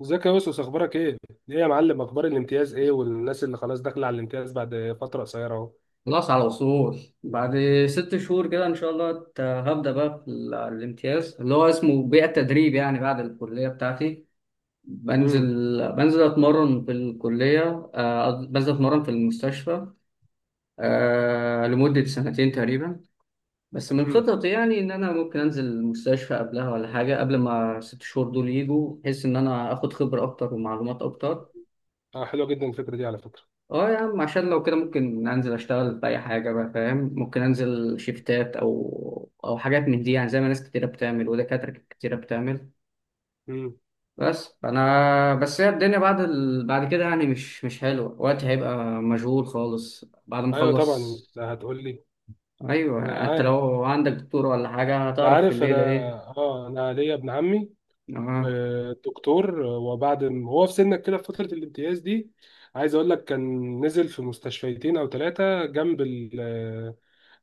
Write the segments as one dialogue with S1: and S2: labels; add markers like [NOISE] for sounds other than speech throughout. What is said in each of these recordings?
S1: ازيك يا يوسف، اخبارك ايه؟ ايه يا معلم، اخبار الامتياز ايه، والناس اللي خلاص داخله على الامتياز بعد فتره قصيره اهو؟
S2: خلاص على وصول بعد 6 شهور كده، ان شاء الله هبدا بقى في الامتياز اللي هو اسمه بيئه تدريب، يعني بعد الكليه بتاعتي. بنزل
S1: امم
S2: بنزل اتمرن في الكليه، بنزل اتمرن في المستشفى، لمده سنتين تقريبا. بس من
S1: امم.
S2: خططي يعني ان انا ممكن انزل المستشفى قبلها ولا حاجه قبل ما 6 شهور دول يجوا، بحيث ان انا اخد خبره اكتر ومعلومات اكتر.
S1: اه، حلوه جدا الفكره دي على فكره.
S2: اه يا عم، عشان لو كده ممكن انزل اشتغل في اي حاجه بقى، فاهم؟ ممكن انزل شيفتات او حاجات من دي، يعني زي ما ناس كتيره بتعمل ودكاتره كتيره بتعمل.
S1: امم.
S2: بس انا، بس هي الدنيا بعد كده يعني مش حلوه، وقتي هيبقى مشغول خالص بعد ما
S1: ايوه
S2: اخلص.
S1: طبعا، ده هتقول لي.
S2: ايوه،
S1: انا
S2: انت
S1: عارف،
S2: لو عندك دكتور ولا حاجه
S1: ده
S2: هتعرف في
S1: عارف انا.
S2: الليله ايه.
S1: اه، انا ليا ابن عمي
S2: اه.
S1: دكتور. هو في سنك كده في فتره الامتياز دي، عايز اقول لك، كان نزل في مستشفيتين او ثلاثه جنب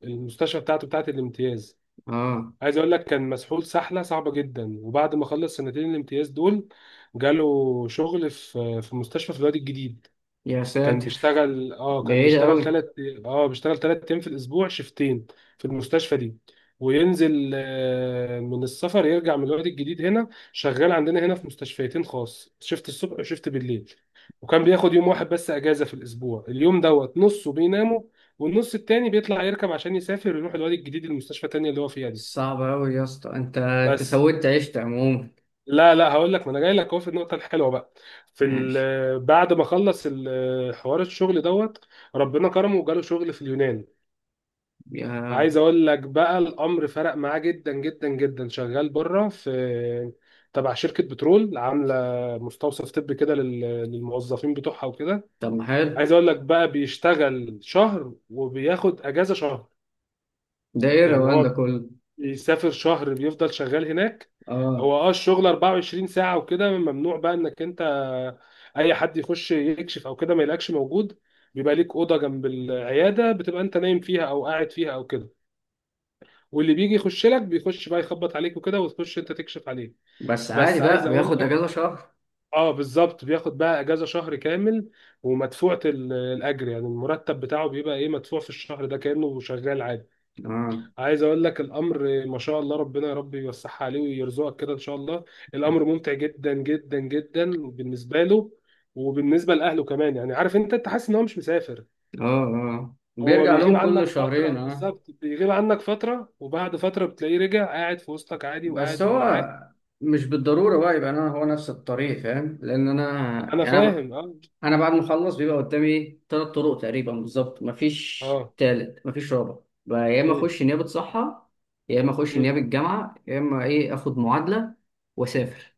S1: المستشفى بتاعه الامتياز.
S2: اه.
S1: عايز اقول لك كان مسحول سحله صعبه جدا، وبعد ما خلص سنتين الامتياز دول جاله شغل في مستشفى في الوادي الجديد.
S2: يا ساتر.
S1: كان
S2: بعيد
S1: بيشتغل
S2: قوي.
S1: ثلاث اه بيشتغل 3 ايام في الاسبوع، شيفتين في المستشفى دي، وينزل من السفر، يرجع من الوادي الجديد هنا شغال عندنا هنا في مستشفيتين خاص، شيفت الصبح وشيفت بالليل. وكان بياخد يوم واحد بس اجازه في الاسبوع، اليوم دوت نصه بينامه والنص التاني بيطلع يركب عشان يسافر يروح الوادي الجديد، المستشفى التانية اللي هو فيها دي.
S2: صعب قوي يا اسطى. انت
S1: بس
S2: عشت عموما.
S1: لا لا، هقول لك، ما انا جاي لك اهو في النقطه الحلوه بقى. في ال-
S2: ماشي.
S1: آه، بعد ما خلص حوار الشغل دوت، ربنا كرمه وجاله شغل في اليونان.
S2: يا.
S1: عايز اقول لك بقى، الامر فرق معاه جدا جدا جدا، شغال بره في تبع شركه بترول عامله مستوصف طبي كده للموظفين بتوعها وكده.
S2: طب ما حلو.
S1: عايز اقول لك بقى بيشتغل شهر وبياخد اجازه شهر،
S2: ده ايه
S1: يعني
S2: الروقان ده
S1: هو
S2: كله؟
S1: يسافر شهر بيفضل شغال هناك.
S2: اه.
S1: هو الشغل 24 ساعة وكده ممنوع بقى انك انت، اي حد يخش يكشف او كده ما يلاقيكش موجود. بيبقى ليك أوضة جنب العيادة، بتبقى انت نايم فيها او قاعد فيها او كده، واللي بيجي يخش لك بيخش بقى يخبط عليك وكده وتخش انت تكشف عليه.
S2: بس عادي
S1: بس عايز
S2: بقى
S1: اقول
S2: بياخد
S1: لك،
S2: اجازه شهر.
S1: اه بالظبط بياخد بقى اجازة شهر كامل ومدفوعة الاجر، يعني المرتب بتاعه بيبقى ايه، مدفوع في الشهر ده كأنه شغال عادي.
S2: اه.
S1: عايز اقول لك الامر ما شاء الله، ربنا يا رب يوسعها عليه ويرزقك كده ان شاء الله. الامر ممتع جدا جدا جدا بالنسبه له وبالنسبه لاهله كمان، يعني عارف انت حاسس ان هو مش مسافر.
S2: اه. اه،
S1: هو
S2: بيرجع
S1: بيغيب
S2: لهم كل
S1: عنك فتره،
S2: شهرين. اه.
S1: بالظبط بيغيب عنك فتره وبعد فتره بتلاقيه رجع قاعد في وسطك عادي
S2: بس
S1: وقاعد
S2: هو
S1: معاك.
S2: مش بالضروره بقى يبقى انا هو نفس الطريق، فاهم؟ لان انا،
S1: انا
S2: يعني
S1: فاهم، اه.
S2: انا بعد ما اخلص بيبقى قدامي ثلاث طرق تقريبا بالظبط، مفيش
S1: اه.
S2: تالت مفيش رابع. بقى يا اما
S1: مم.
S2: اخش نيابه صحه، يا اما اخش
S1: مم.
S2: نيابه جامعه، يا اما ايه اخد معادله واسافر.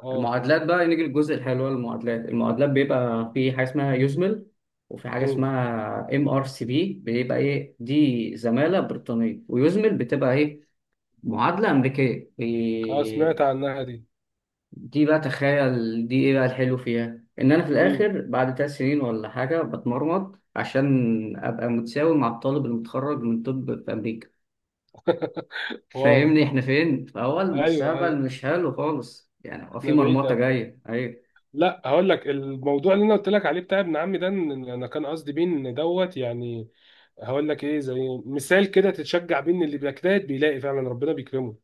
S1: اه.
S2: المعادلات بقى، نيجي للجزء الحلو. المعادلات بيبقى في حاجه اسمها يوزمل، وفي حاجه
S1: مم.
S2: اسمها MRCP، بيبقى ايه دي؟ زماله بريطانيه، ويوزمل بتبقى ايه؟ معادله امريكيه.
S1: اه، سمعت
S2: إيه
S1: عنها دي.
S2: دي بقى، تخيل دي ايه بقى الحلو فيها. ان انا في
S1: مم.
S2: الاخر بعد 3 سنين ولا حاجه بتمرمط عشان ابقى متساوي مع الطالب المتخرج من طب في امريكا.
S1: [LAUGHS] واو.
S2: فاهمني احنا فين؟ فهو
S1: ايوه،
S2: المستقبل
S1: ايوه.
S2: مش حلو خالص، يعني هو في
S1: احنا
S2: مرمطه
S1: بعيد.
S2: جايه، ايوه.
S1: لا هقول لك، الموضوع اللي انا قلت لك عليه بتاع ابن عمي ده، إن انا كان قصدي بيه ان دوت، يعني هقول لك ايه، زي مثال كده تتشجع بيه ان اللي بيجتهد بيلاقي فعلا ربنا بيكرمه.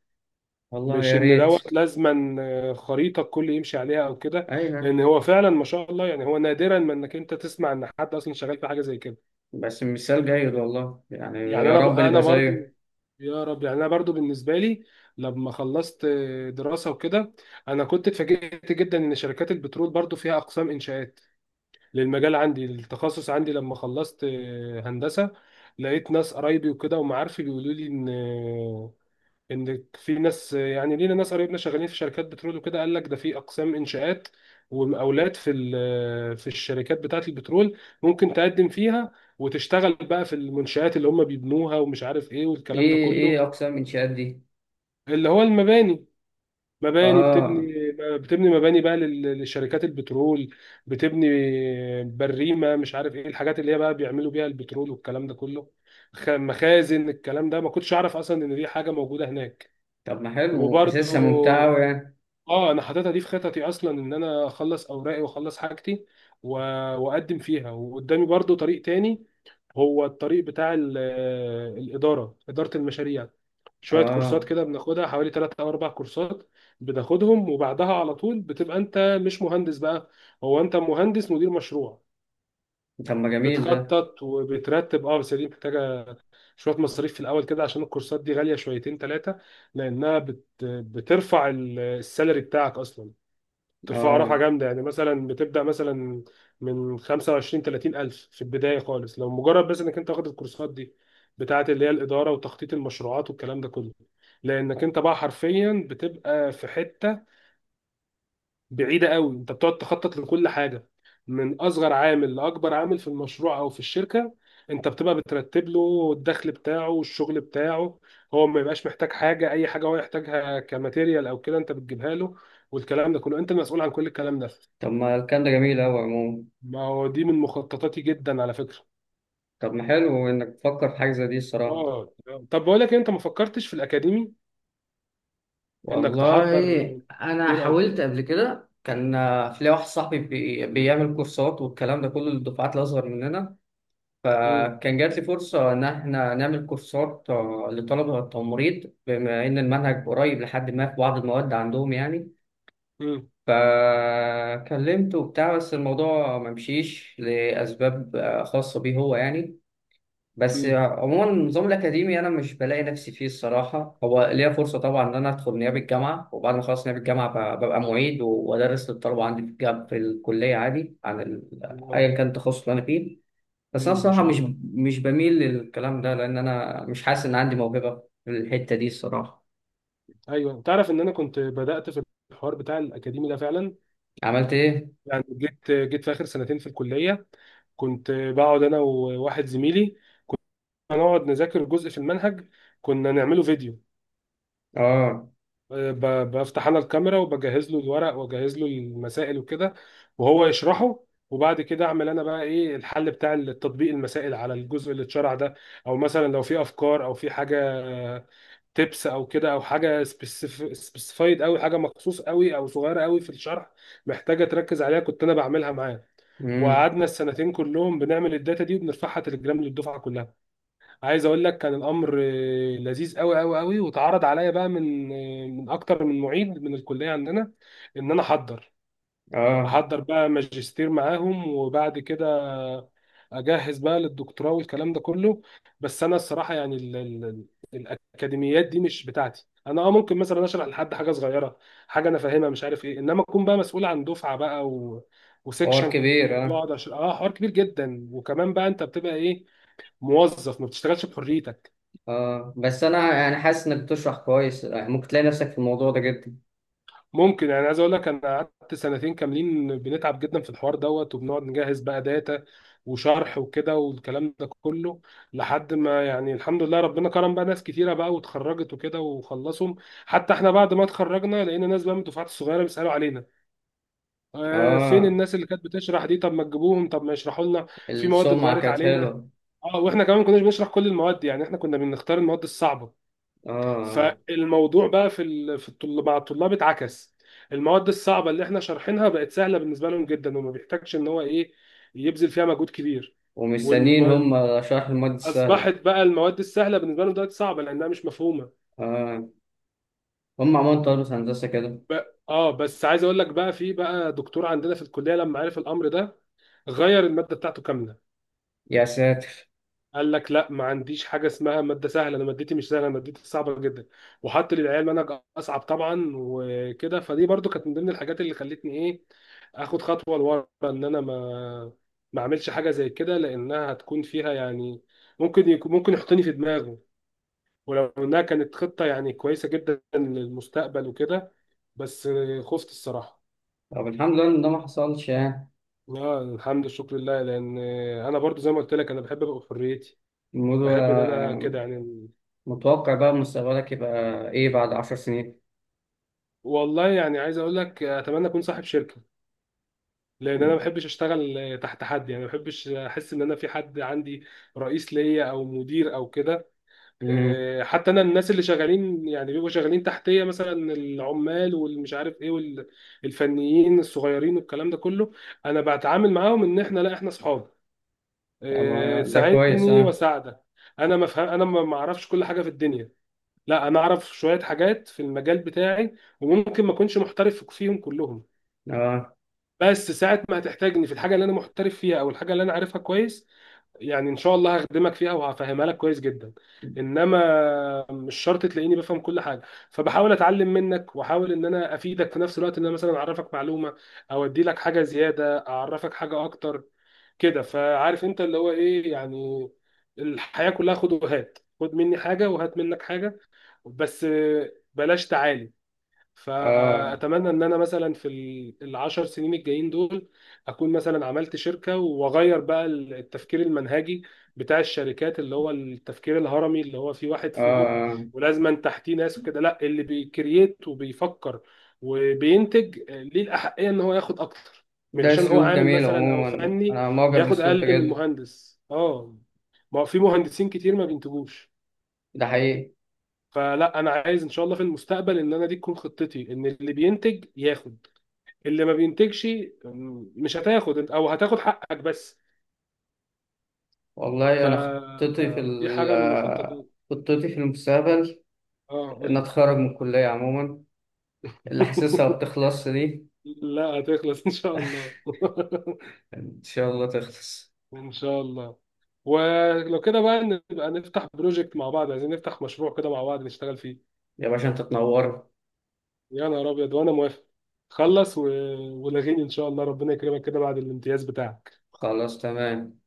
S2: والله
S1: مش
S2: يا
S1: ان
S2: ريت.
S1: دوت لازما خريطه الكل يمشي عليها او كده، لان
S2: ايوه،
S1: هو فعلا ما شاء الله، يعني هو نادرا ما انك انت تسمع ان حد اصلا شغال في حاجه زي كده.
S2: بس مثال جيد والله، يعني يا رب
S1: انا
S2: نبقى
S1: برضو،
S2: زيه.
S1: يا رب، يعني انا برضو بالنسبه لي لما خلصت دراسه وكده، انا كنت اتفاجئت جدا ان شركات البترول برضو فيها اقسام انشاءات للمجال عندي، التخصص عندي لما خلصت هندسة، لقيت ناس قرايبي وكده ومعارفي بيقولوا لي ان في ناس، يعني لينا ناس قرايبنا شغالين في شركات بترول وكده، قال لك ده في اقسام انشاءات ومقاولات في ال- آه، في الشركات بتاعة البترول، ممكن تقدم فيها وتشتغل بقى في المنشآت اللي هم بيبنوها ومش عارف ايه والكلام ده
S2: ايه ايه
S1: كله.
S2: اقسام الانشاءات دي؟
S1: اللي هو المباني، مباني بتبني،
S2: اه.
S1: بتبني مباني بقى للشركات البترول. بتبني بريمة مش عارف ايه، الحاجات اللي هي بقى بيعملوا بيها البترول والكلام ده كله. مخازن. الكلام ده ما كنتش اعرف اصلا ان دي حاجة موجودة هناك.
S2: طب ما حلو وحاسسها ممتعه
S1: وبرضو
S2: أوي يعني.
S1: اه، انا حاططها دي في خططي اصلا، ان انا اخلص اوراقي واخلص حاجتي و- واقدم فيها. وقدامي برضو طريق تاني، هو الطريق بتاع ال- آه، الإدارة إدارة المشاريع. شوية كورسات
S2: اه.
S1: كده بناخدها، حوالي ثلاث أو أربع كورسات بناخدهم، وبعدها على طول بتبقى أنت مش مهندس بقى، هو أنت مهندس مدير مشروع،
S2: طب ما جميل ده.
S1: بتخطط وبترتب. اه بس دي محتاجة شوية مصاريف في الأول كده، عشان الكورسات دي غالية شويتين ثلاثة، لأنها بترفع السالري بتاعك أصلا، ترفعوا رفعة
S2: اه.
S1: جامدة، يعني مثلا بتبدأ مثلا من 25 30 ألف في البداية خالص لو مجرد بس إنك أنت واخد الكورسات دي بتاعة اللي هي الإدارة وتخطيط المشروعات والكلام ده كله، لأنك أنت بقى حرفيا بتبقى في حتة بعيدة قوي. أنت بتقعد تخطط لكل حاجة، من أصغر عامل لأكبر عامل في المشروع أو في الشركة، أنت بتبقى بترتب له الدخل بتاعه والشغل بتاعه، هو ما يبقاش محتاج حاجة، أي حاجة هو يحتاجها كماتيريال أو كده أنت بتجيبها له، والكلام ده كله أنت المسؤول عن كل الكلام ده.
S2: طب ما الكلام ده جميل قوي عموما.
S1: ما هو دي من مخططاتي جدا على فكرة.
S2: طب ما حلو انك تفكر في حاجه زي دي الصراحه.
S1: اه. طب بقول لك إيه، انت ما فكرتش في الاكاديمي، انك تحضر
S2: والله انا
S1: كتير او
S2: حاولت
S1: كده؟
S2: قبل كده، كان في ليا واحد صاحبي بيعمل كورسات والكلام ده كله للدفعات الاصغر مننا.
S1: امم
S2: فكان جات لي فرصة إن إحنا نعمل كورسات، لطلبة التمريض بما إن المنهج قريب لحد ما في بعض المواد عندهم يعني.
S1: امم.
S2: فكلمته وبتاع، بس الموضوع ما مشيش لأسباب خاصة بيه هو يعني. بس
S1: امم.
S2: عموما النظام الأكاديمي أنا مش بلاقي نفسي فيه الصراحة. هو ليا فرصة طبعا إن أنا أدخل نيابة الجامعة، وبعد ما أخلص نيابة الجامعة ببقى معيد وأدرس للطلبة عندي في الكلية عادي عن ال-،
S1: واو.
S2: أيا كان التخصص اللي أنا فيه. بس انا
S1: ما
S2: الصراحه
S1: شاء
S2: مش
S1: الله.
S2: مش بميل للكلام ده، لان انا مش
S1: مم.
S2: حاسس ان عندي موهبه في الحته دي الصراحه.
S1: ايوه، تعرف ان انا كنت بدأت في الحوار بتاع الاكاديمي ده فعلا.
S2: عملت ايه؟
S1: يعني جيت في اخر سنتين في الكلية، كنت بقعد انا وواحد زميلي، هنقعد نذاكر جزء في المنهج، كنا نعمله فيديو.
S2: اه.
S1: بفتح انا الكاميرا وبجهز له الورق واجهز له المسائل وكده، وهو يشرحه، وبعد كده اعمل انا بقى ايه الحل بتاع التطبيق، المسائل على الجزء اللي اتشرح ده، او مثلا لو في افكار او في حاجه تبس او كده، او حاجه سبيسيفايد قوي، حاجه مخصوص قوي او صغيره قوي في الشرح محتاجه تركز عليها، كنت انا بعملها معاه.
S2: امم.
S1: وقعدنا السنتين كلهم بنعمل الداتا دي وبنرفعها تليجرام للدفعه كلها. عايز اقول لك كان الامر لذيذ قوي قوي قوي، واتعرض عليا بقى من اكتر من معيد من الكليه عندنا ان انا احضر،
S2: اه.
S1: بقى ماجستير معاهم، وبعد كده اجهز بقى للدكتوراه والكلام ده كله. بس انا الصراحه يعني الاكاديميات دي مش بتاعتي انا. اه ممكن مثلا اشرح لحد حاجه صغيره، حاجه انا فاهمها مش عارف ايه، انما اكون بقى مسؤول عن دفعه بقى
S2: حوار
S1: وسكشن،
S2: كبير اه.
S1: بقعد أشرح- اه حوار كبير جدا، وكمان بقى انت بتبقى ايه، موظف، ما بتشتغلش بحريتك.
S2: اه، بس انا يعني حاسس انك بتشرح كويس، يعني ممكن تلاقي نفسك في الموضوع ده جدا.
S1: ممكن، يعني عايز اقول لك، انا قعدت سنتين كاملين بنتعب جدا في الحوار دوت، وبنقعد نجهز بقى داتا وشرح وكده والكلام ده كله، لحد ما يعني الحمد لله ربنا كرم بقى، ناس كتيره بقى واتخرجت وكده وخلصهم. حتى احنا بعد ما اتخرجنا لقينا ناس بقى من الدفعات الصغيره بيسالوا علينا، آه فين
S2: اه.
S1: الناس اللي كانت بتشرح دي، طب ما تجيبوهم، طب ما يشرحوا لنا. في مواد
S2: السمعه
S1: اتغيرت
S2: كانت
S1: علينا،
S2: حلوه.
S1: اه، واحنا كمان ما كناش بنشرح كل المواد، يعني احنا كنا بنختار المواد الصعبه،
S2: اه. آه.
S1: فالموضوع بقى في ال... في الطل... مع الطلاب اتعكس. المواد الصعبه اللي احنا شارحينها بقت سهله بالنسبه لهم جدا، وما بيحتاجش ان هو ايه، يبذل فيها مجهود كبير.
S2: ومستنيين
S1: والم...
S2: هم شرح المواد
S1: اصبحت
S2: السهله.
S1: بقى المواد السهله بالنسبه لهم دلوقتي صعبه لانها مش مفهومه.
S2: اه. هم عملوا طلبة هندسه كده.
S1: ب... اه بس عايز اقول لك بقى، في بقى دكتور عندنا في الكليه لما عرف الامر ده غير الماده بتاعته كامله.
S2: يا ساتر.
S1: قال لك لا، ما عنديش حاجه اسمها ماده سهله، انا مادتي مش سهله، انا مادتي صعبه جدا. وحط للعيال منهج اصعب طبعا وكده. فدي برضو كانت من ضمن الحاجات اللي خلتني ايه، اخد خطوه لورا ان انا ما اعملش حاجه زي كده، لانها هتكون فيها يعني، ممكن يحطني في دماغه، ولو انها كانت خطه يعني كويسه جدا للمستقبل وكده، بس خفت الصراحه.
S2: طب الحمد لله ان ده ما حصلش يعني.
S1: لا الحمد لله، شكر لله. لان انا برضو زي ما قلت لك، انا بحب ابقى في حريتي،
S2: الموضوع
S1: بحب ان انا كده يعني.
S2: متوقع بقى، مستقبلك يبقى ايه بعد 10 سنين؟
S1: والله يعني عايز اقول لك، اتمنى اكون صاحب شركه، لان انا ما بحبش اشتغل تحت حد، يعني ما بحبش احس ان انا في حد عندي رئيس ليا او مدير او كده.
S2: امم.
S1: حتى انا الناس اللي شغالين يعني بيبقوا شغالين تحتيه، مثلا العمال والمش عارف ايه والفنيين الصغيرين والكلام ده كله، انا بتعامل معاهم ان احنا لا، احنا اصحاب.
S2: أما ده كويس
S1: تساعدني
S2: اه.
S1: واساعدك. انا ما اعرفش كل حاجه في الدنيا، لا انا اعرف شويه حاجات في المجال بتاعي، وممكن ما اكونش محترف فيهم كلهم،
S2: اه.
S1: بس ساعة ما هتحتاجني في الحاجة اللي أنا محترف فيها أو الحاجة اللي أنا عارفها كويس، يعني إن شاء الله هخدمك فيها وهفهمها لك كويس جدا، إنما مش شرط تلاقيني بفهم كل حاجة. فبحاول أتعلم منك وأحاول إن أنا أفيدك في نفس الوقت، إن أنا مثلا أعرفك معلومة أو أدي لك حاجة زيادة، أعرفك حاجة أكتر كده، فعارف أنت اللي هو إيه يعني، الحياة كلها خد وهات، خد مني حاجة وهات منك حاجة، بس بلاش تعالي.
S2: اه.
S1: فاتمنى ان انا مثلا في العشر سنين الجايين دول اكون مثلا عملت شركه، واغير بقى التفكير المنهجي بتاع الشركات، اللي هو التفكير الهرمي، اللي هو في واحد فوق
S2: اه.
S1: ولازما تحتيه ناس وكده، لا اللي بيكرييت وبيفكر وبينتج ليه الاحقيه ان هو ياخد اكتر، مش
S2: ده
S1: عشان هو
S2: اسلوب
S1: عامل
S2: جميل
S1: مثلا او
S2: عموما،
S1: فني
S2: انا معجب
S1: ياخد
S2: بالاسلوب ده
S1: اقل من
S2: جدا.
S1: المهندس، اه، ما هو في مهندسين كتير ما بينتجوش.
S2: ده حقيقي.
S1: فلا انا عايز ان شاء الله في المستقبل ان انا دي تكون خطتي، ان اللي بينتج ياخد، اللي ما بينتجش مش هتاخد او هتاخد حقك بس.
S2: والله انا خطتي في
S1: دي حاجة من المخططات.
S2: خطتي في المستقبل
S1: اه قول
S2: ان
S1: لي.
S2: اتخرج من الكلية عموما، اللي حاسسها
S1: [LAUGHS]
S2: بتخلص دي.
S1: لا هتخلص ان شاء الله. [LAUGHS]
S2: ان شاء الله تخلص.
S1: ان شاء الله. ولو كده بقى نبقى نفتح بروجكت مع بعض، عايزين نفتح مشروع كده مع بعض نشتغل فيه.
S2: يا باشا انت تنور.
S1: يا نهار ابيض، وانا موافق. خلص ولاغيني ان شاء الله، ربنا يكرمك كده بعد الامتياز بتاعك.
S2: خلاص تمام.